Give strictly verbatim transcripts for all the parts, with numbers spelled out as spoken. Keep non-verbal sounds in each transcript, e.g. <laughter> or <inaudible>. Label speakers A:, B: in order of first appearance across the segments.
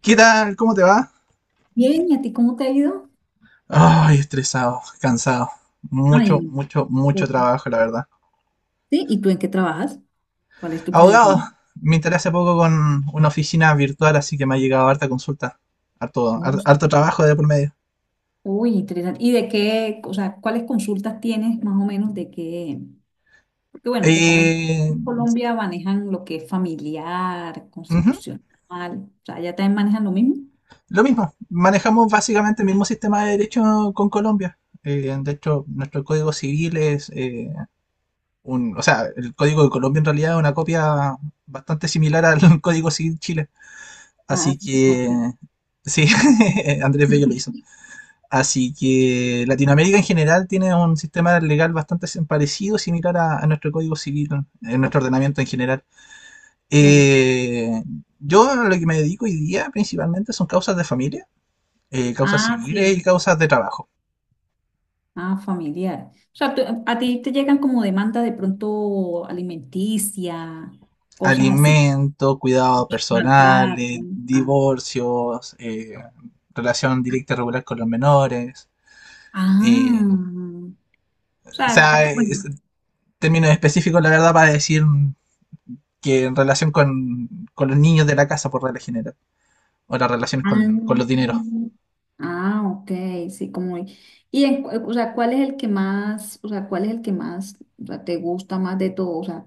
A: ¿Qué tal? ¿Cómo te va?
B: Bien, ¿y a ti cómo te ha ido?
A: Ay,
B: Bien.
A: estresado, cansado.
B: Ay,
A: Mucho,
B: no.
A: mucho, mucho
B: Ok. ¿Sí?
A: trabajo, la verdad.
B: ¿Y tú en qué trabajas? ¿Cuál es tu
A: Abogado,
B: profesión?
A: me enteré hace poco con una oficina virtual, así que me ha llegado harta consulta. Harto, har-
B: Ups.
A: harto trabajo de por medio.
B: Uy, interesante. ¿Y de qué, o sea, cuáles consultas tienes más o menos de qué? Porque bueno, te comento,
A: Eh,
B: en Colombia manejan lo que es familiar,
A: Ujú.
B: constitucional, o sea, ¿ya también manejan lo mismo?
A: Lo mismo, manejamos básicamente el mismo sistema de derecho con Colombia. Eh, de hecho, nuestro código civil es eh, un... o sea, el código de Colombia en realidad es una copia bastante similar al <laughs> código civil Chile.
B: Ah,
A: Así que,
B: ok.
A: sí, <laughs> Andrés Bello lo hizo. Así que Latinoamérica en general tiene un sistema legal bastante sim- parecido, similar a, a nuestro código civil, en nuestro ordenamiento en general.
B: Sí.
A: Eh, yo a lo que me dedico hoy día principalmente son causas de familia, eh, causas
B: Ah,
A: civiles y
B: sí.
A: causas de trabajo.
B: Ah, familiar. O sea, tú- a ti te llegan como demanda de pronto alimenticia, cosas así,
A: Alimento, cuidado personal,
B: maltrato.
A: eh,
B: Ah,
A: divorcios, eh, relación directa y regular con los menores. eh,
B: ah, o
A: o
B: sea,
A: sea,
B: acá, bueno,
A: es- términos específicos, la verdad, para decir que en relación con, con los niños de la casa, por regla general, o las relaciones
B: ah,
A: con, con los dineros,
B: ah, ok, sí, como, y en, cu- o sea, ¿cuál es el que más, o sea, cuál es el que más, o sea, te gusta más de todo? O sea,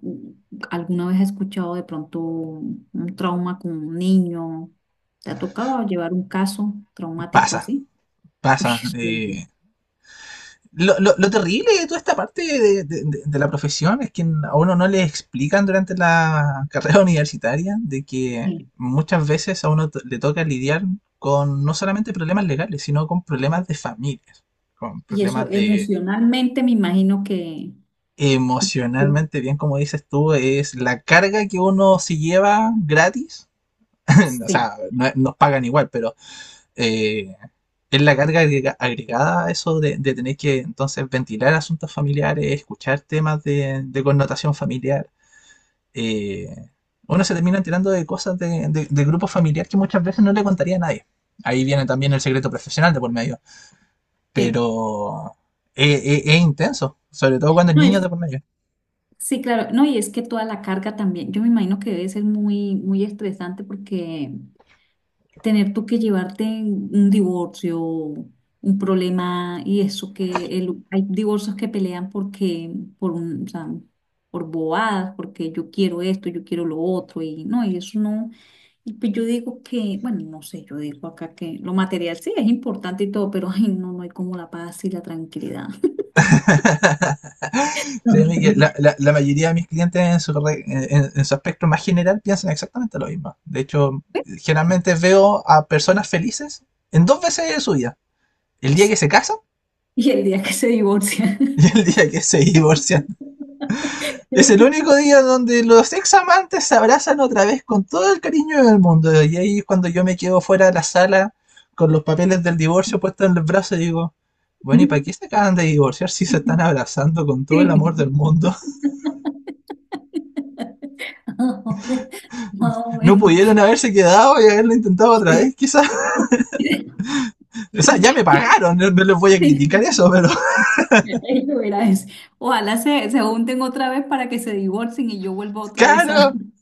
B: ¿alguna vez has escuchado de pronto un un trauma con un niño? ¿Te ha tocado llevar un caso traumático
A: pasa,
B: así? Uy,
A: pasa.
B: es
A: Eh,
B: fuerte.
A: lo, lo, lo, terrible de toda esta parte de, de, de, la profesión es que a uno no le explican durante la carrera <laughs> universitaria de que
B: Sí.
A: muchas veces a uno to- le toca lidiar con no solamente problemas legales, sino con problemas de familias, con
B: Y eso
A: problemas de
B: emocionalmente me imagino que, que-
A: emocionalmente bien, como dices tú, es la carga que uno se lleva gratis. <laughs> O
B: sí,
A: sea, no- nos pagan igual, pero eh, es la carga agrega- agregada a eso de, de tener que entonces ventilar asuntos familiares, escuchar temas de, de connotación familiar. eh, Uno se termina enterando de cosas de, de, de grupo familiar que muchas veces no le contaría a nadie. Ahí viene también el secreto profesional de por medio,
B: sí.
A: pero es, es- es intenso, sobre todo cuando el
B: No,
A: niño de
B: es
A: por medio.
B: sí, claro. No, y es que toda la carga también, yo me imagino que debe ser muy, muy estresante porque tener tú que llevarte un divorcio, un problema y eso que el- hay divorcios que pelean porque, por un, o sea, por bobadas, porque yo quiero esto, yo quiero lo otro y no, y eso no. Y pues yo digo que, bueno, no sé, yo digo acá que lo material sí es importante y todo, pero <laughs> ay, no, no hay como la paz y la tranquilidad. <laughs>
A: <laughs>
B: No
A: Créeme que la,
B: sé.
A: la- la mayoría de mis clientes en su, re- en, en su aspecto más general piensan exactamente lo mismo. De hecho, generalmente veo a personas felices en dos veces de su vida. El día que se casan
B: Y el día que se divorcia.
A: y el día que se divorcian. Es el único
B: <laughs>
A: día donde los ex amantes se abrazan otra vez con todo el cariño del mundo. Y ahí es cuando yo me quedo fuera de la sala con los papeles del divorcio puestos en los brazos y digo, bueno, ¿y para qué se acaban de divorciar si se están abrazando con todo el
B: Sí.
A: amor del
B: <laughs>
A: mundo?
B: Más o
A: No pudieron
B: menos.
A: haberse quedado y haberlo intentado otra
B: Sí.
A: vez, quizás. O sea, ya me pagaron, no, no les voy a criticar eso, pero
B: Ahí eso, verás. Ojalá se, se junten otra vez para que se divorcien y yo vuelva
A: <laughs>
B: otra vez a
A: claro.
B: <laughs>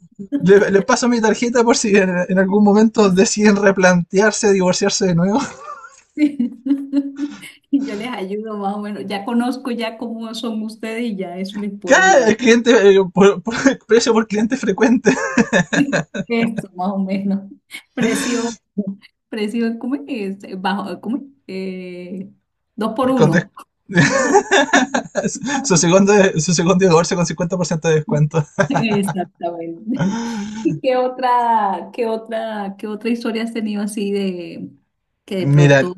A: Les le paso mi tarjeta por si en, en, algún momento deciden replantearse, divorciarse de nuevo. <laughs>
B: divorciarme. Y yo les ayudo más o menos. Ya conozco ya cómo son ustedes y ya eso les puedo
A: Claro, el
B: ayudar.
A: cliente, eh, por, por, precio por cliente frecuente.
B: <laughs> Eso, más o menos. Precio, precio, ¿cómo es? Este, bajo, ¿cómo es? Eh, dos por
A: Con des...
B: uno.
A: <laughs> su, segundo, su segundo divorcio con cincuenta por ciento de descuento.
B: <laughs> Exactamente. ¿Y qué otra, qué otra, qué otra historia has tenido así de que de
A: Mira,
B: pronto?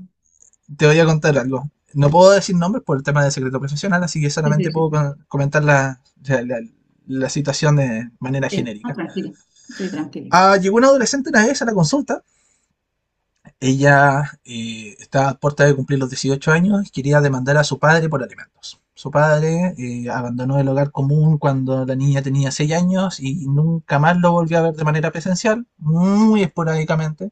A: te voy a contar algo. No puedo decir nombres por el tema del secreto profesional, así que
B: Sí, sí,
A: solamente
B: sí,
A: puedo con- comentar la, o la- la situación de manera
B: sí. Ah,
A: genérica.
B: tranquila. Sí, tranquila.
A: Ah, llegó una adolescente una vez a la consulta. Ella eh, estaba a puerta de cumplir los dieciocho años y quería demandar a su padre por alimentos. Su padre eh, abandonó el hogar común cuando la niña tenía seis años y nunca más lo volvió a ver de manera presencial, muy esporádicamente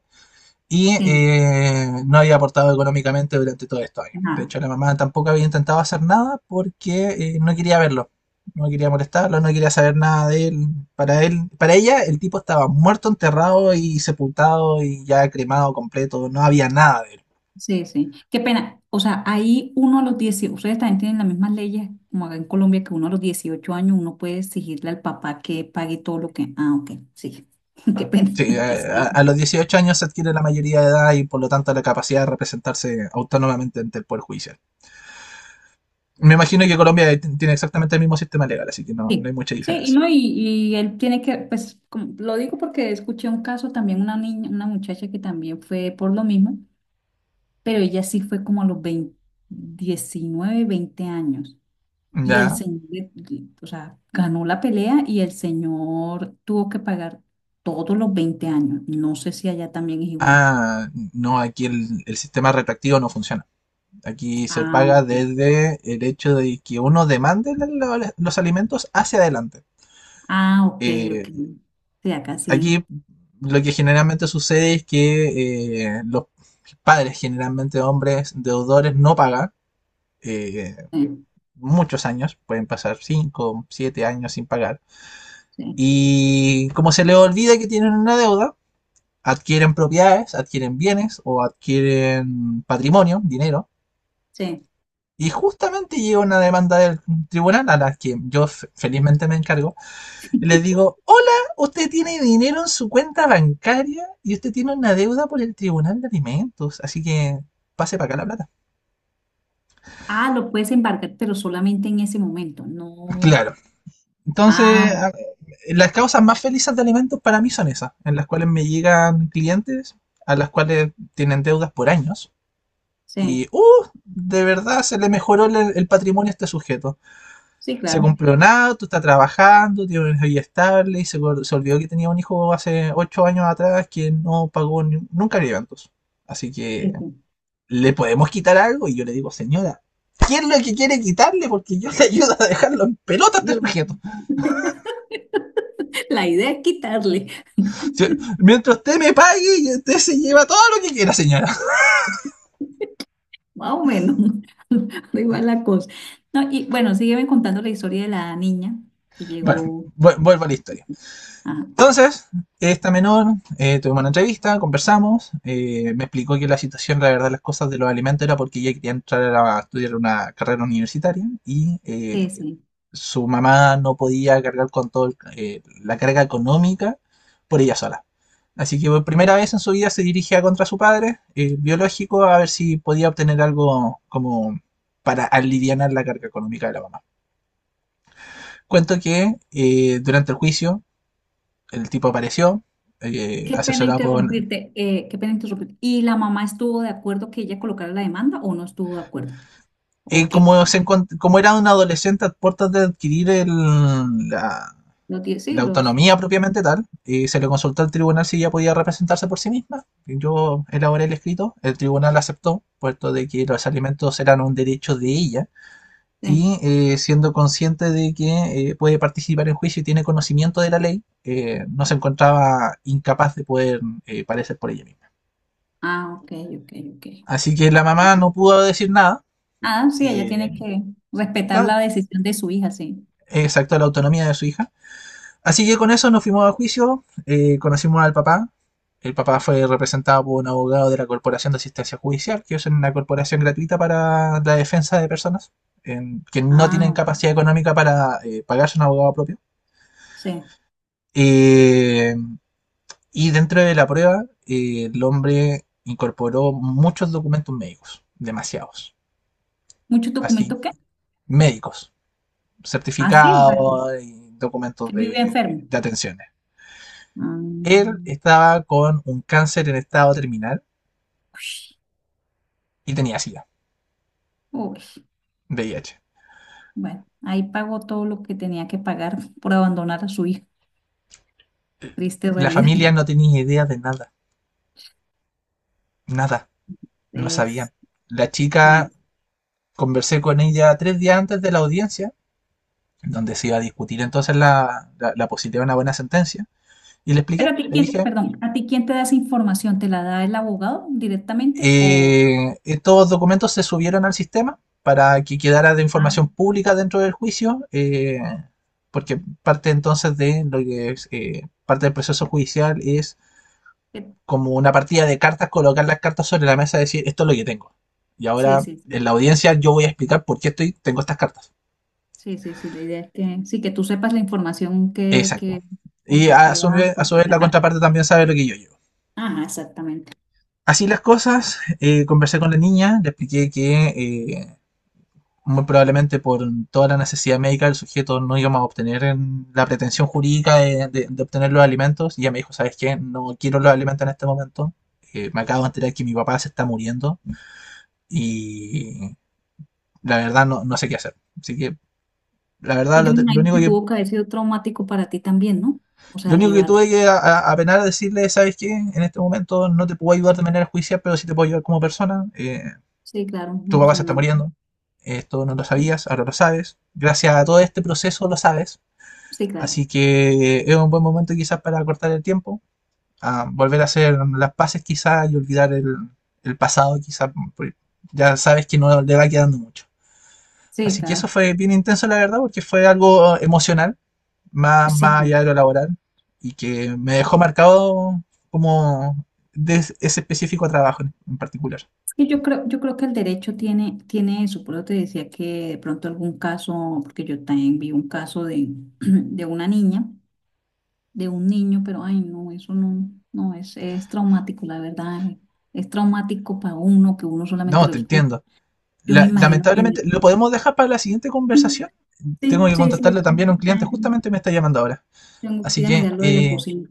A: y
B: Sí,
A: eh, no había aportado económicamente durante todo estos años. De
B: nada.
A: hecho, la mamá tampoco había intentado hacer nada porque eh, no quería verlo, no quería molestarlo, no quería saber nada de él. Para él, para ella, el tipo estaba muerto, enterrado y sepultado y ya cremado completo, no había nada de él.
B: Sí, sí. Qué pena. O sea, ahí uno a los dieciocho. Ustedes también tienen las mismas leyes como acá en Colombia, que uno a los dieciocho años uno puede exigirle al papá que pague todo lo que... Ah, ok, sí. <laughs> Qué pena.
A: Sí,
B: <laughs>
A: a,
B: Sí,
A: a los dieciocho años se adquiere la mayoría de edad y por lo tanto la capacidad de representarse autónomamente ante el Poder Judicial. Me imagino que Colombia t- tiene exactamente el mismo sistema legal, así que no, no hay
B: sí.
A: mucha
B: Sí, y
A: diferencia.
B: no, y, y él tiene que, pues, como- lo digo porque escuché un caso también, una niña, una muchacha que también fue por lo mismo, pero ella sí fue como a los veinte diecinueve, veinte años. Y el
A: Ya.
B: señor, le- le- o sea, ganó la pelea y el señor tuvo que pagar todos los veinte años. No sé si allá también es igual.
A: Ah, no, aquí el, el sistema retractivo no funciona. Aquí se
B: Ah,
A: paga
B: ok.
A: desde el hecho de que uno demande lo- los alimentos hacia adelante.
B: Ah, ok, ok.
A: Eh,
B: Sí, acá sí.
A: aquí lo que generalmente sucede es que eh, los padres, generalmente hombres deudores, no pagan eh,
B: Sí,
A: muchos años, pueden pasar cinco, siete años sin pagar.
B: sí,
A: Y como se les olvida que tienen una deuda, adquieren propiedades, adquieren bienes o adquieren patrimonio, dinero.
B: sí.
A: Y justamente llega una demanda del tribunal a la que yo felizmente me encargo. Y les digo, hola, usted tiene dinero en su cuenta bancaria y usted tiene una deuda por el tribunal de alimentos. Así que pase para acá la plata.
B: Ah, lo puedes embarcar, pero solamente en ese momento.
A: <laughs>
B: No.
A: Claro.
B: Ah,
A: Entonces,
B: ok,
A: las causas más felices de alimentos para mí son esas, en las cuales me llegan clientes a las cuales tienen deudas por años. Y,
B: sí.
A: uh, de verdad se le mejoró el, el patrimonio a este sujeto.
B: Sí,
A: Se
B: claro.
A: compró nada, tú estás trabajando, tienes una vida estable y se, se olvidó que tenía un hijo hace ocho años atrás que no pagó ni- nunca alimentos. Así que
B: Sí, sí.
A: le podemos quitar algo y yo le digo, señora, ¿qué es lo que quiere quitarle? Porque yo le ayudo a dejarlo en pelota a este
B: Yo-
A: sujeto.
B: <laughs> la idea es quitarle,
A: Si- Mientras usted me pague, usted se lleva todo lo que quiera, señora.
B: más o menos. <laughs> Da igual la cosa. No, y bueno, sígueme contando la historia de la niña que
A: Bueno,
B: llegó.
A: vu- vuelvo a la historia.
B: Ah,
A: Entonces, esta menor, eh, tuvimos una entrevista, conversamos, eh, me explicó que la situación, la verdad, las cosas de los alimentos era porque ella quería entrar a estudiar una carrera universitaria y
B: sí,
A: eh,
B: sí.
A: su mamá no podía cargar con toda eh, la carga económica por ella sola. Así que por primera vez en su vida se dirigía contra su padre eh, biológico a ver si podía obtener algo como para aliviar la carga económica de la mamá. Cuento que eh, durante el juicio el tipo apareció, eh,
B: Qué pena
A: asesorado por...
B: interrumpirte, eh, qué pena interrumpirte. ¿Y la mamá estuvo de acuerdo que ella colocara la demanda o no estuvo de acuerdo?
A: eh,
B: ¿O qué?
A: como, se encont- como era un adolescente a puertas de adquirir el- la,
B: ¿Lo tiene? Sí,
A: la
B: los...
A: autonomía propiamente tal, eh, se le consultó al tribunal si ella podía representarse por sí misma. Yo elaboré el escrito, el tribunal aceptó, puesto de que los alimentos eran un derecho de ella,
B: eh.
A: y eh, siendo consciente de que eh, puede participar en juicio y tiene conocimiento de la ley, eh, no se encontraba incapaz de poder eh, parecer por ella misma.
B: Ah, ok, ok, ok.
A: Así que la mamá
B: Ajá.
A: no pudo decir nada,
B: Ah, sí, ella
A: eh,
B: tiene que respetar
A: da-
B: la decisión de su hija, sí.
A: exacto, la autonomía de su hija. Así que con eso nos fuimos a juicio, eh, conocimos al papá. El papá fue representado por un abogado de la Corporación de Asistencia Judicial, que es una corporación gratuita para la defensa de personas en- que no
B: Ah,
A: tienen
B: ok,
A: capacidad económica para eh, pagarse un abogado propio.
B: sí.
A: Eh, y dentro de la prueba, eh, el hombre incorporó muchos documentos médicos, demasiados,
B: ¿Muchos
A: así,
B: documentos qué?
A: médicos.
B: Ah, sí, o sea, que,
A: Certificados y
B: que
A: documentos
B: vive
A: de,
B: enfermo.
A: de atenciones. Él
B: Mm,
A: estaba con un cáncer en estado terminal y tenía SIDA,
B: uy,
A: V I H.
B: bueno, ahí pagó todo lo que tenía que pagar por abandonar a su hija. Triste
A: La
B: realidad.
A: familia
B: <laughs>
A: no tenía idea de nada, nada, no
B: Es,
A: sabían. La
B: sí.
A: chica, conversé con ella tres días antes de la audiencia, donde se iba a discutir entonces la, la, la posibilidad de una buena sentencia, y le
B: Pero
A: expliqué,
B: a ti
A: le
B: quién,
A: dije,
B: perdón, ¿a ti quién te da esa información? ¿Te la da el abogado directamente o
A: Eh, estos documentos se subieron al sistema para que quedara de
B: ah,
A: información pública dentro del juicio, eh, porque parte entonces de lo que es, eh, parte del proceso judicial es
B: que-
A: como una partida de cartas, colocar las cartas sobre la mesa y decir esto es lo que tengo. Y
B: sí,
A: ahora
B: sí, sí.
A: en la audiencia yo voy a explicar por qué estoy, tengo estas cartas.
B: Sí, sí, sí, la idea es que sí que tú sepas la información que,
A: Exacto.
B: que
A: Y
B: contra
A: a
B: qué
A: su
B: vas a
A: vez, la
B: contraatacar.
A: contraparte también sabe lo que yo llevo.
B: Ajá, exactamente.
A: Así las cosas, eh, conversé con la niña, le expliqué que eh, muy probablemente por toda la necesidad médica el sujeto no íbamos a obtener en la pretensión jurídica de, de- de obtener los alimentos. Y ella me dijo, ¿sabes qué? No quiero los alimentos en este momento. Eh, me acabo de enterar que mi papá se está muriendo y la verdad no, no sé qué hacer. Así que la verdad
B: Y yo
A: lo,
B: me
A: te- lo
B: imagino
A: único
B: que
A: que,
B: tuvo que haber sido traumático para ti también, ¿no? O
A: lo
B: sea,
A: único que tuve
B: llevarte.
A: que a- a- apenar a decirle, ¿sabes qué? En este momento no te puedo ayudar de manera judicial, pero sí te puedo ayudar como persona. Eh,
B: Sí, claro,
A: tu papá se está
B: emocionante.
A: muriendo. Esto no lo
B: Sí,
A: sabías, ahora lo sabes. Gracias a todo este proceso lo sabes.
B: sí, claro.
A: Así que es un buen momento quizás para cortar el tiempo, a volver a hacer las paces quizás y olvidar el, el pasado quizás, porque ya sabes que no le va quedando mucho.
B: Sí,
A: Así que eso
B: claro.
A: fue bien intenso la verdad, porque fue algo emocional, más,
B: Sí,
A: más
B: claro.
A: allá de lo laboral, y que me dejó marcado como de ese específico trabajo en particular.
B: Y yo creo, yo creo que el derecho tiene, tiene eso, por eso te decía que de pronto algún caso, porque yo también vi un caso de, <clears throat> de una niña, de un niño, pero ay no, eso no, no es, es traumático, la verdad, eh, es traumático para uno, que uno solamente
A: No,
B: lo
A: te
B: escucha.
A: entiendo.
B: Yo me
A: La-
B: imagino
A: lamentablemente,
B: tener.
A: ¿lo podemos dejar para la siguiente
B: Sí,
A: conversación? Tengo
B: sí,
A: que
B: sí, sí,
A: contactarle también a un
B: yo
A: cliente,
B: también
A: justamente me está llamando ahora.
B: tengo que
A: Así
B: ir a
A: que
B: mirar lo de la
A: eh,
B: cocina.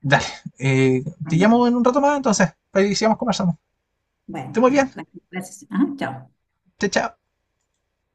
A: dale, eh, te llamo
B: Bueno,
A: en un rato más entonces, para que sigamos conversando. Esté
B: bueno,
A: muy
B: bueno,
A: bien,
B: gracias. Ah, chao.
A: chao, chao.